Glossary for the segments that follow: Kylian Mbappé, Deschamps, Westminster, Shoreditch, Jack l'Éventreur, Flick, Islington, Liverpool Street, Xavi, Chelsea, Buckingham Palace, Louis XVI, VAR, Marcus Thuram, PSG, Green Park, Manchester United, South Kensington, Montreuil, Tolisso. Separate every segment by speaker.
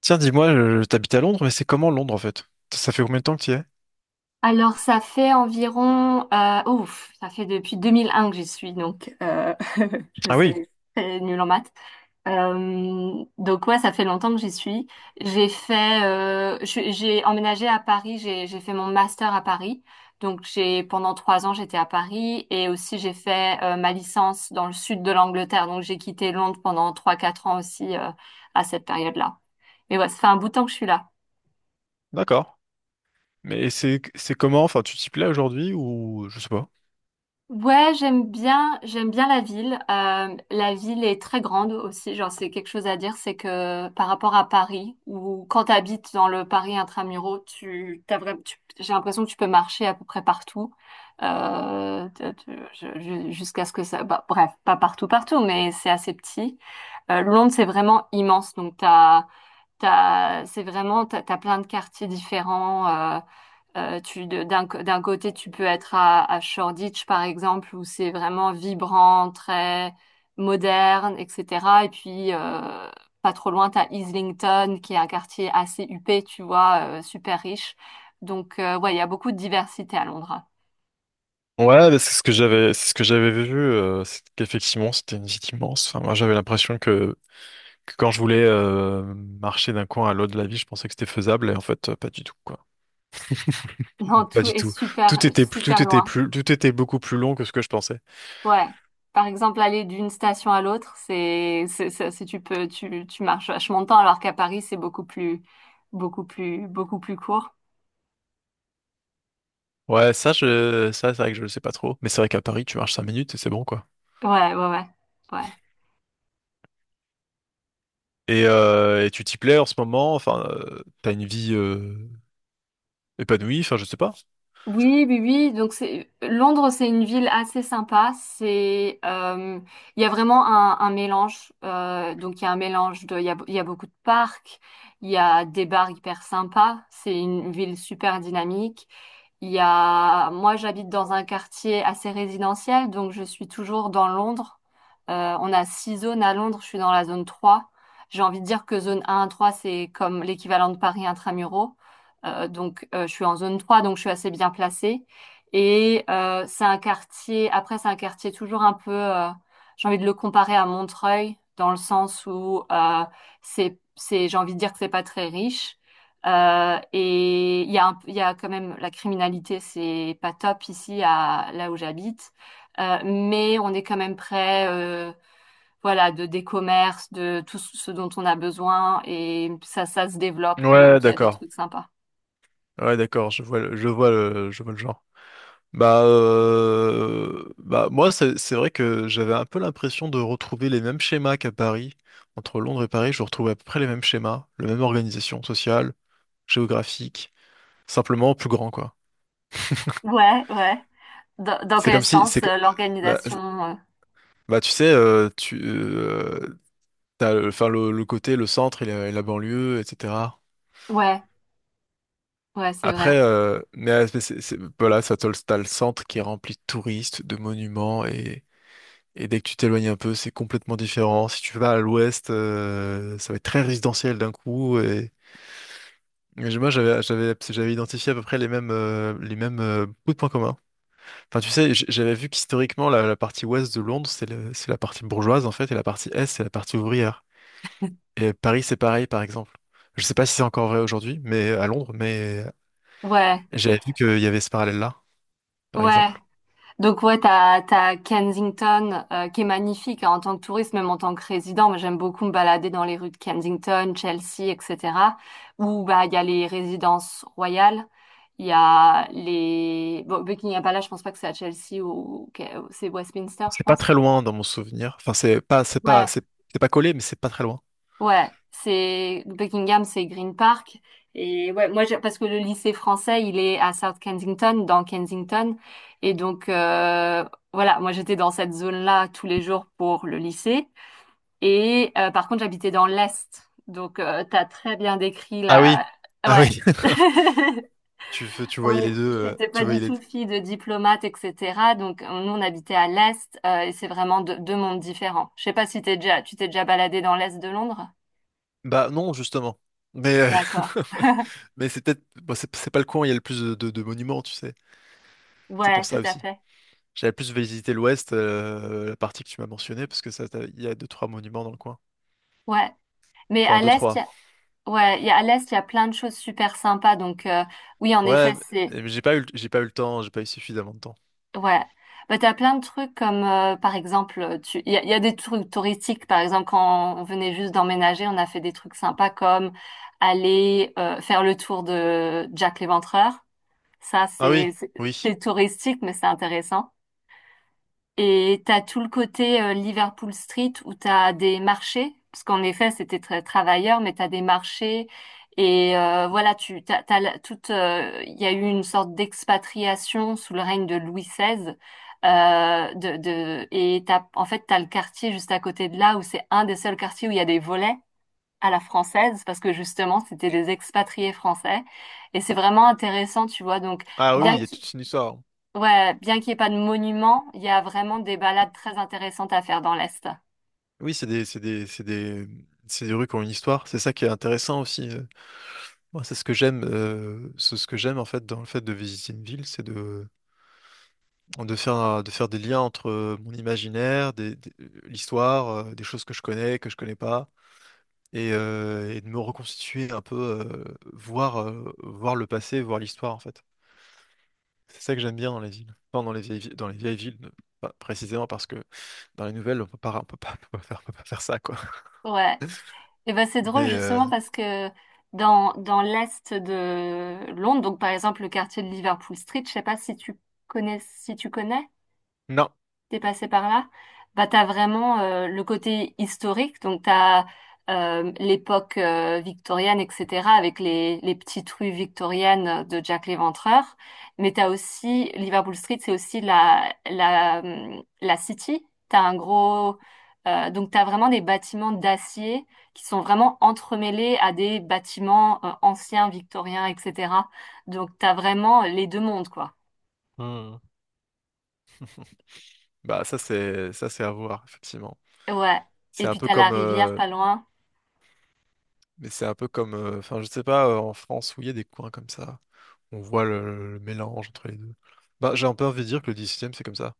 Speaker 1: Tiens, dis-moi, t'habites à Londres, mais c'est comment Londres en fait? Ça fait combien de temps que tu y es?
Speaker 2: Alors, ça fait environ, ouf, ça fait depuis 2001 que j'y suis, donc je
Speaker 1: Ah oui,
Speaker 2: sais, c'est nul en maths. Donc ouais, ça fait longtemps que j'y suis. J'ai fait, j'ai emménagé à Paris, j'ai fait mon master à Paris. Donc j'ai pendant 3 ans j'étais à Paris, et aussi j'ai fait ma licence dans le sud de l'Angleterre. Donc j'ai quitté Londres pendant trois quatre ans aussi, à cette période-là. Mais ouais, ça fait un bout de temps que je suis là.
Speaker 1: d'accord. Mais c'est comment? Enfin, tu t'y plais aujourd'hui ou je sais pas.
Speaker 2: Ouais, j'aime bien la ville. La ville est très grande aussi. Genre, c'est quelque chose à dire, c'est que par rapport à Paris, ou quand tu habites dans le Paris intramuraux, t'as vraiment, j'ai l'impression que tu peux marcher à peu près partout, jusqu'à ce que ça. Bah, bref, pas partout, partout, mais c'est assez petit. Londres, c'est vraiment immense. Donc c'est vraiment, t'as plein de quartiers différents. Euh, tu, de- d'un, co- d'un côté, tu peux être à Shoreditch, par exemple, où c'est vraiment vibrant, très moderne, etc. Et puis, pas trop loin, tu as Islington, qui est un quartier assez huppé, tu vois, super riche. Donc, ouais, il y a beaucoup de diversité à Londres.
Speaker 1: Ouais, bah, c'est ce que j'avais vu, c'est qu'effectivement c'était une ville immense. Enfin, moi j'avais que quand je voulais marcher d'un coin à l'autre de la ville, je pensais que c'était faisable et en fait pas du tout quoi.
Speaker 2: Non,
Speaker 1: Pas
Speaker 2: tout
Speaker 1: du
Speaker 2: est
Speaker 1: tout.
Speaker 2: super, super loin.
Speaker 1: Tout était beaucoup plus long que ce que je pensais.
Speaker 2: Ouais. Par exemple, aller d'une station à l'autre, tu peux, tu marches vachement de temps, alors qu'à Paris, c'est beaucoup plus, beaucoup plus, beaucoup plus court.
Speaker 1: Ça c'est vrai que je le sais pas trop. Mais c'est vrai qu'à Paris tu marches 5 minutes et c'est bon quoi.
Speaker 2: Ouais, ouais, ouais, ouais.
Speaker 1: Et tu t'y plais en ce moment? Enfin, t'as une vie épanouie? Enfin, je sais pas.
Speaker 2: Oui, oui, oui. Donc c'est Londres, c'est une ville assez sympa. C'est, il y a vraiment un mélange. Donc il y a un mélange de, il y a beaucoup de parcs. Il y a des bars hyper sympas. C'est une ville super dynamique. Moi, j'habite dans un quartier assez résidentiel, donc je suis toujours dans Londres. On a 6 zones à Londres. Je suis dans la zone 3. J'ai envie de dire que zone 1 à 3, c'est comme l'équivalent de Paris intramuros. Donc, je suis en zone 3, donc je suis assez bien placée. Et c'est un quartier, après, c'est un quartier toujours un peu, j'ai envie de le comparer à Montreuil, dans le sens où j'ai envie de dire que c'est pas très riche. Et il y a, il y a quand même la criminalité. C'est pas top ici, là où j'habite. Mais on est quand même près, voilà, de des commerces, de tout ce dont on a besoin, et ça se développe.
Speaker 1: Ouais,
Speaker 2: Donc, il y a des
Speaker 1: d'accord.
Speaker 2: trucs sympas.
Speaker 1: Ouais, d'accord. Je vois, je vois je vois le genre. Bah moi, c'est vrai que j'avais un peu l'impression de retrouver les mêmes schémas qu'à Paris. Entre Londres et Paris, je retrouvais à peu près les mêmes schémas, la même organisation sociale, géographique, simplement plus grand, quoi.
Speaker 2: Ouais, ouais. Dans
Speaker 1: C'est
Speaker 2: quel
Speaker 1: comme si, c'est
Speaker 2: sens,
Speaker 1: que, bah,
Speaker 2: l'organisation,
Speaker 1: Bah, tu sais, t'as, enfin, le côté, le centre et et la banlieue, etc.
Speaker 2: Ouais, ouais, c'est vrai.
Speaker 1: Après, voilà, ça t'as le centre qui est rempli de touristes, de monuments, et dès que tu t'éloignes un peu, c'est complètement différent. Si tu vas à l'ouest, ça va être très résidentiel d'un coup. Et, j'avais identifié à peu près les mêmes bouts de points communs. Enfin, tu sais, j'avais vu qu'historiquement, la partie ouest de Londres, c'est la partie bourgeoise, en fait, et la partie est, c'est la partie ouvrière. Et Paris, c'est pareil, par exemple. Je sais pas si c'est encore vrai aujourd'hui, mais à Londres, mais
Speaker 2: Ouais,
Speaker 1: j'avais vu qu'il y avait ce parallèle-là. Par
Speaker 2: ouais.
Speaker 1: exemple.
Speaker 2: Donc ouais, t'as Kensington, qui est magnifique, hein, en tant que touriste, même en tant que résident. Moi, j'aime beaucoup me balader dans les rues de Kensington, Chelsea, etc. Où bah il y a les résidences royales, il y a les bon, Buckingham Palace. Je pense pas que c'est à Chelsea, c'est Westminster, je
Speaker 1: C'est pas
Speaker 2: pense.
Speaker 1: très loin dans mon souvenir. Enfin,
Speaker 2: Ouais,
Speaker 1: c'est pas collé, mais c'est pas très loin.
Speaker 2: ouais, c'est Buckingham, c'est Green Park. Et ouais, moi, parce que le lycée français, il est à South Kensington, dans Kensington. Et donc, voilà, moi, j'étais dans cette zone-là tous les jours pour le lycée. Et par contre, j'habitais dans l'Est. Donc, t'as très bien décrit
Speaker 1: Ah oui,
Speaker 2: la...
Speaker 1: ah
Speaker 2: Ouais.
Speaker 1: oui, tu
Speaker 2: On
Speaker 1: voyais
Speaker 2: est-
Speaker 1: les deux,
Speaker 2: J'étais
Speaker 1: tu
Speaker 2: pas du
Speaker 1: voyais les
Speaker 2: tout
Speaker 1: deux.
Speaker 2: fille de diplomate, etc. Donc, nous, on habitait à l'Est, et c'est vraiment deux mondes différents. Je sais pas si t'es déjà, tu t'es déjà baladé dans l'Est de Londres.
Speaker 1: Bah non, justement. Mais,
Speaker 2: D'accord.
Speaker 1: mais c'est peut-être, bon, c'est pas le coin où il y a le plus de, de monuments, tu sais. C'est pour
Speaker 2: Ouais, tout
Speaker 1: ça
Speaker 2: à
Speaker 1: aussi.
Speaker 2: fait.
Speaker 1: J'avais plus visité l'Ouest, la partie que tu m'as mentionnée, parce que ça, il y a 2, 3 monuments dans le coin.
Speaker 2: Ouais. Mais à
Speaker 1: Enfin, deux,
Speaker 2: l'Est, il
Speaker 1: trois.
Speaker 2: y a... Ouais, il y a, à l'Est, il y a plein de choses super sympas. Donc, oui, en effet,
Speaker 1: Ouais,
Speaker 2: c'est,
Speaker 1: mais j'ai pas eu, j'ai pas eu le temps, j'ai pas eu suffisamment de temps.
Speaker 2: ouais. Bah, t'as plein de trucs comme, par exemple, il y a des trucs touristiques. Par exemple, quand on venait juste d'emménager, on a fait des trucs sympas comme aller, faire le tour de Jack l'Éventreur. Ça,
Speaker 1: Ah oui, oui.
Speaker 2: c'est touristique, mais c'est intéressant. Et t'as tout le côté, Liverpool Street, où t'as des marchés, parce qu'en effet c'était très travailleur, mais t'as des marchés. Et voilà, tu t'as, il y a eu une sorte d'expatriation sous le règne de Louis XVI. Euh, de, de et t'as en fait t'as le quartier juste à côté de là où c'est un des seuls quartiers où il y a des volets à la française, parce que justement c'était des expatriés français, et c'est vraiment intéressant, tu vois, donc
Speaker 1: Ah oui,
Speaker 2: bien.
Speaker 1: il y a toute une histoire.
Speaker 2: Ouais, bien qu'il n'y ait pas de monument, il y a vraiment des balades très intéressantes à faire dans l'Est.
Speaker 1: Oui, c'est des rues qui ont une histoire. C'est ça qui est intéressant aussi. Moi, c'est ce que j'aime en fait dans le fait de visiter une ville, c'est de faire des liens entre mon imaginaire, l'histoire, des choses que je connais pas, et de me reconstituer un peu, voir le passé, voir l'histoire en fait. C'est ça que j'aime bien dans les villes, enfin dans les vieilles villes, pas précisément parce que dans les nouvelles, on peut pas, on peut pas faire ça quoi.
Speaker 2: Ouais. Et ben c'est drôle
Speaker 1: Mais
Speaker 2: justement parce que dans l'Est de Londres, donc par exemple le quartier de Liverpool Street, je sais pas si tu connais, si tu connais.
Speaker 1: non,
Speaker 2: T'es passé par là, bah t'as vraiment, le côté historique, donc t'as, l'époque, victorienne, etc., avec les petites rues victoriennes de Jack l'Éventreur. Mais t'as aussi Liverpool Street, c'est aussi la City. T'as un gros... Donc t'as vraiment des bâtiments d'acier qui sont vraiment entremêlés à des bâtiments, anciens victoriens, etc. Donc t'as vraiment les deux mondes, quoi.
Speaker 1: Hmm. Ça c'est à voir effectivement.
Speaker 2: Ouais.
Speaker 1: C'est
Speaker 2: Et
Speaker 1: un
Speaker 2: puis
Speaker 1: peu
Speaker 2: t'as la
Speaker 1: comme,
Speaker 2: rivière pas loin.
Speaker 1: mais c'est un peu comme, enfin, je sais pas, en France où il y a des coins comme ça, on voit le mélange entre les deux. Bah, j'ai un peu envie de dire que le 18e, c'est comme ça.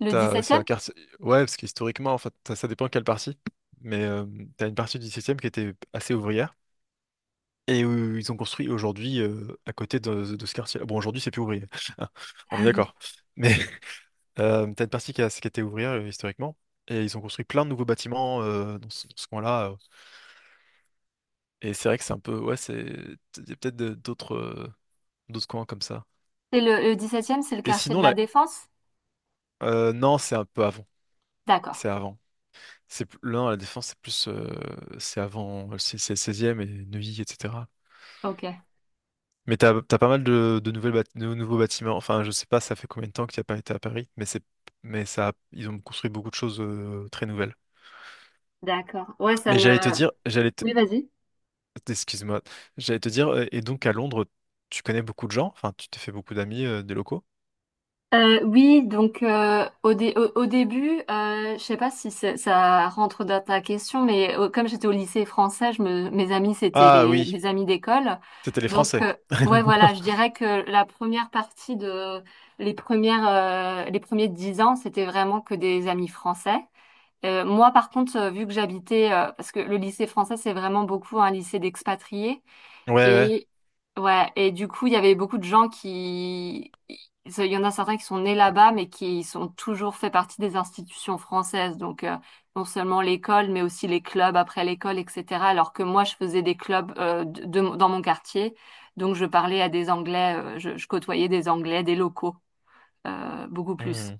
Speaker 2: Le dix
Speaker 1: T'as, c'est
Speaker 2: septième
Speaker 1: un quartier. Ouais, parce qu'historiquement, en fait, ça dépend quelle partie. Mais t'as une partie du 17e qui était assez ouvrière et où ils ont construit aujourd'hui à côté de ce quartier. Bon, aujourd'hui, c'est plus ouvrier. Hein, on est d'accord. Mais t'as une partie qui était ouvrière historiquement et ils ont construit plein de nouveaux bâtiments dans ce coin-là. Et c'est vrai que c'est un peu, ouais, c'est, il y a peut-être d'autres. 12 coins comme ça.
Speaker 2: C'est le, 17e, c'est le
Speaker 1: Et
Speaker 2: quartier de
Speaker 1: sinon,
Speaker 2: la
Speaker 1: là,
Speaker 2: Défense?
Speaker 1: non, c'est un peu avant.
Speaker 2: D'accord.
Speaker 1: C'est avant. Non, la défense, c'est avant, c'est le 16 et Neuilly, etc.
Speaker 2: Ok.
Speaker 1: Mais t'as pas mal de de nouveaux bâtiments. Enfin, je sais pas, ça fait combien de temps qu'il n'y a pas été à Paris, mais c'est, mais ça, ils ont construit beaucoup de choses très nouvelles.
Speaker 2: D'accord. Ouais, ça
Speaker 1: Mais
Speaker 2: me...
Speaker 1: j'allais te dire, j'allais te,
Speaker 2: Oui, vas-y.
Speaker 1: excuse-moi, j'allais te dire, et donc à Londres, tu connais beaucoup de gens, enfin, tu t'es fait beaucoup d'amis, des locaux.
Speaker 2: Oui, donc, au début, je sais pas si ça rentre dans ta question, mais comme j'étais au lycée français, mes amis c'était
Speaker 1: Ah
Speaker 2: les
Speaker 1: oui,
Speaker 2: mes amis d'école.
Speaker 1: c'était les
Speaker 2: Donc,
Speaker 1: Français.
Speaker 2: ouais voilà, je dirais que la première partie de les premières les premiers 10 ans, c'était vraiment que des amis français. Moi, par contre, vu que j'habitais, parce que le lycée français, c'est vraiment beaucoup un lycée d'expatriés,
Speaker 1: Ouais, ouais.
Speaker 2: et ouais, et du coup, il y avait beaucoup de gens qui, il y en a certains qui sont nés là-bas, mais qui sont toujours fait partie des institutions françaises. Donc, non seulement l'école, mais aussi les clubs après l'école, etc. Alors que moi, je faisais des clubs, dans mon quartier, donc je parlais à des Anglais. Je côtoyais des Anglais, des locaux, beaucoup plus.
Speaker 1: Hmm.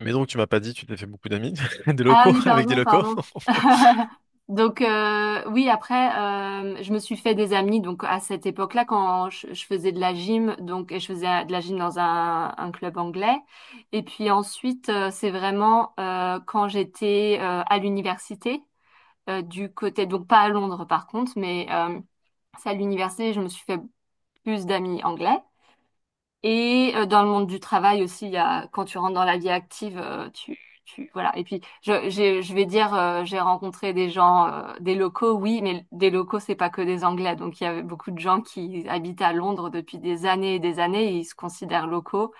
Speaker 1: Mais donc, tu m'as pas dit, tu t'es fait beaucoup d'amis, des
Speaker 2: Ah
Speaker 1: locaux,
Speaker 2: oui,
Speaker 1: avec des
Speaker 2: pardon,
Speaker 1: locaux.
Speaker 2: pardon. Donc, oui, après, je me suis fait des amis. Donc à cette époque-là, quand je faisais de la gym, donc et je faisais de la gym dans un club anglais. Et puis ensuite, c'est vraiment, quand j'étais, à l'université, du côté, donc pas à Londres par contre, mais c'est à l'université, je me suis fait plus d'amis anglais. Et dans le monde du travail aussi, il y a, quand tu rentres dans la vie active, voilà. Et puis, je vais dire, j'ai rencontré des gens, des locaux, oui, mais des locaux, c'est pas que des Anglais. Donc, il y avait beaucoup de gens qui habitent à Londres depuis des années et des années, et ils se considèrent locaux.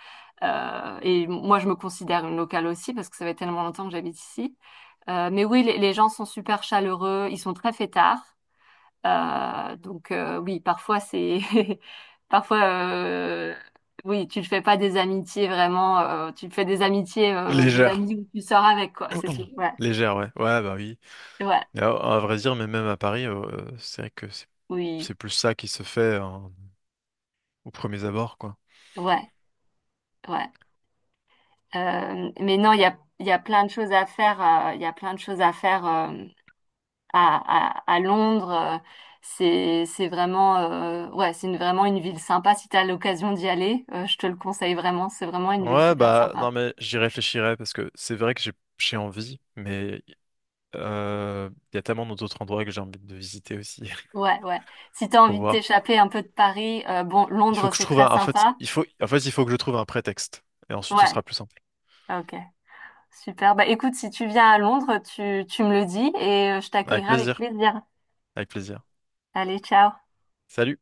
Speaker 2: Et moi, je me considère une locale aussi parce que ça fait tellement longtemps que j'habite ici. Mais oui, les gens sont super chaleureux, ils sont très fêtards. Oui, parfois c'est parfois, oui, tu ne fais pas des amitiés vraiment, tu te fais des amitiés, des
Speaker 1: Légère.
Speaker 2: amis où tu sors avec quoi, c'est tout. Ouais,
Speaker 1: Légère, ouais. Ouais, bah oui.
Speaker 2: ouais,
Speaker 1: Mais à vrai dire, mais même à Paris, c'est vrai que c'est
Speaker 2: oui,
Speaker 1: c'est plus ça qui se fait aux premiers abords, quoi.
Speaker 2: ouais, ouais. Mais non, il y a plein de choses à faire, il y a plein de choses à faire, à Londres. C'est vraiment, ouais, c'est vraiment une ville sympa si tu as l'occasion d'y aller. Je te le conseille vraiment, c'est vraiment une ville
Speaker 1: Ouais,
Speaker 2: super
Speaker 1: bah
Speaker 2: sympa.
Speaker 1: non, mais j'y réfléchirai parce que c'est vrai que j'ai envie, mais il y a tellement d'autres endroits que j'ai envie de visiter aussi.
Speaker 2: Ouais, ouais. Si t'as
Speaker 1: Faut
Speaker 2: envie de
Speaker 1: voir.
Speaker 2: t'échapper un peu de Paris, bon,
Speaker 1: Il faut
Speaker 2: Londres,
Speaker 1: que je
Speaker 2: c'est
Speaker 1: trouve
Speaker 2: très
Speaker 1: un... En fait,
Speaker 2: sympa.
Speaker 1: il faut... en fait, il faut que je trouve un prétexte. Et ensuite, ce
Speaker 2: Ouais,
Speaker 1: sera plus simple.
Speaker 2: ok. Super. Bah écoute, si tu viens à Londres, tu me le dis, et je
Speaker 1: Avec
Speaker 2: t'accueillerai avec
Speaker 1: plaisir.
Speaker 2: plaisir.
Speaker 1: Avec plaisir.
Speaker 2: Allez, ciao.
Speaker 1: Salut.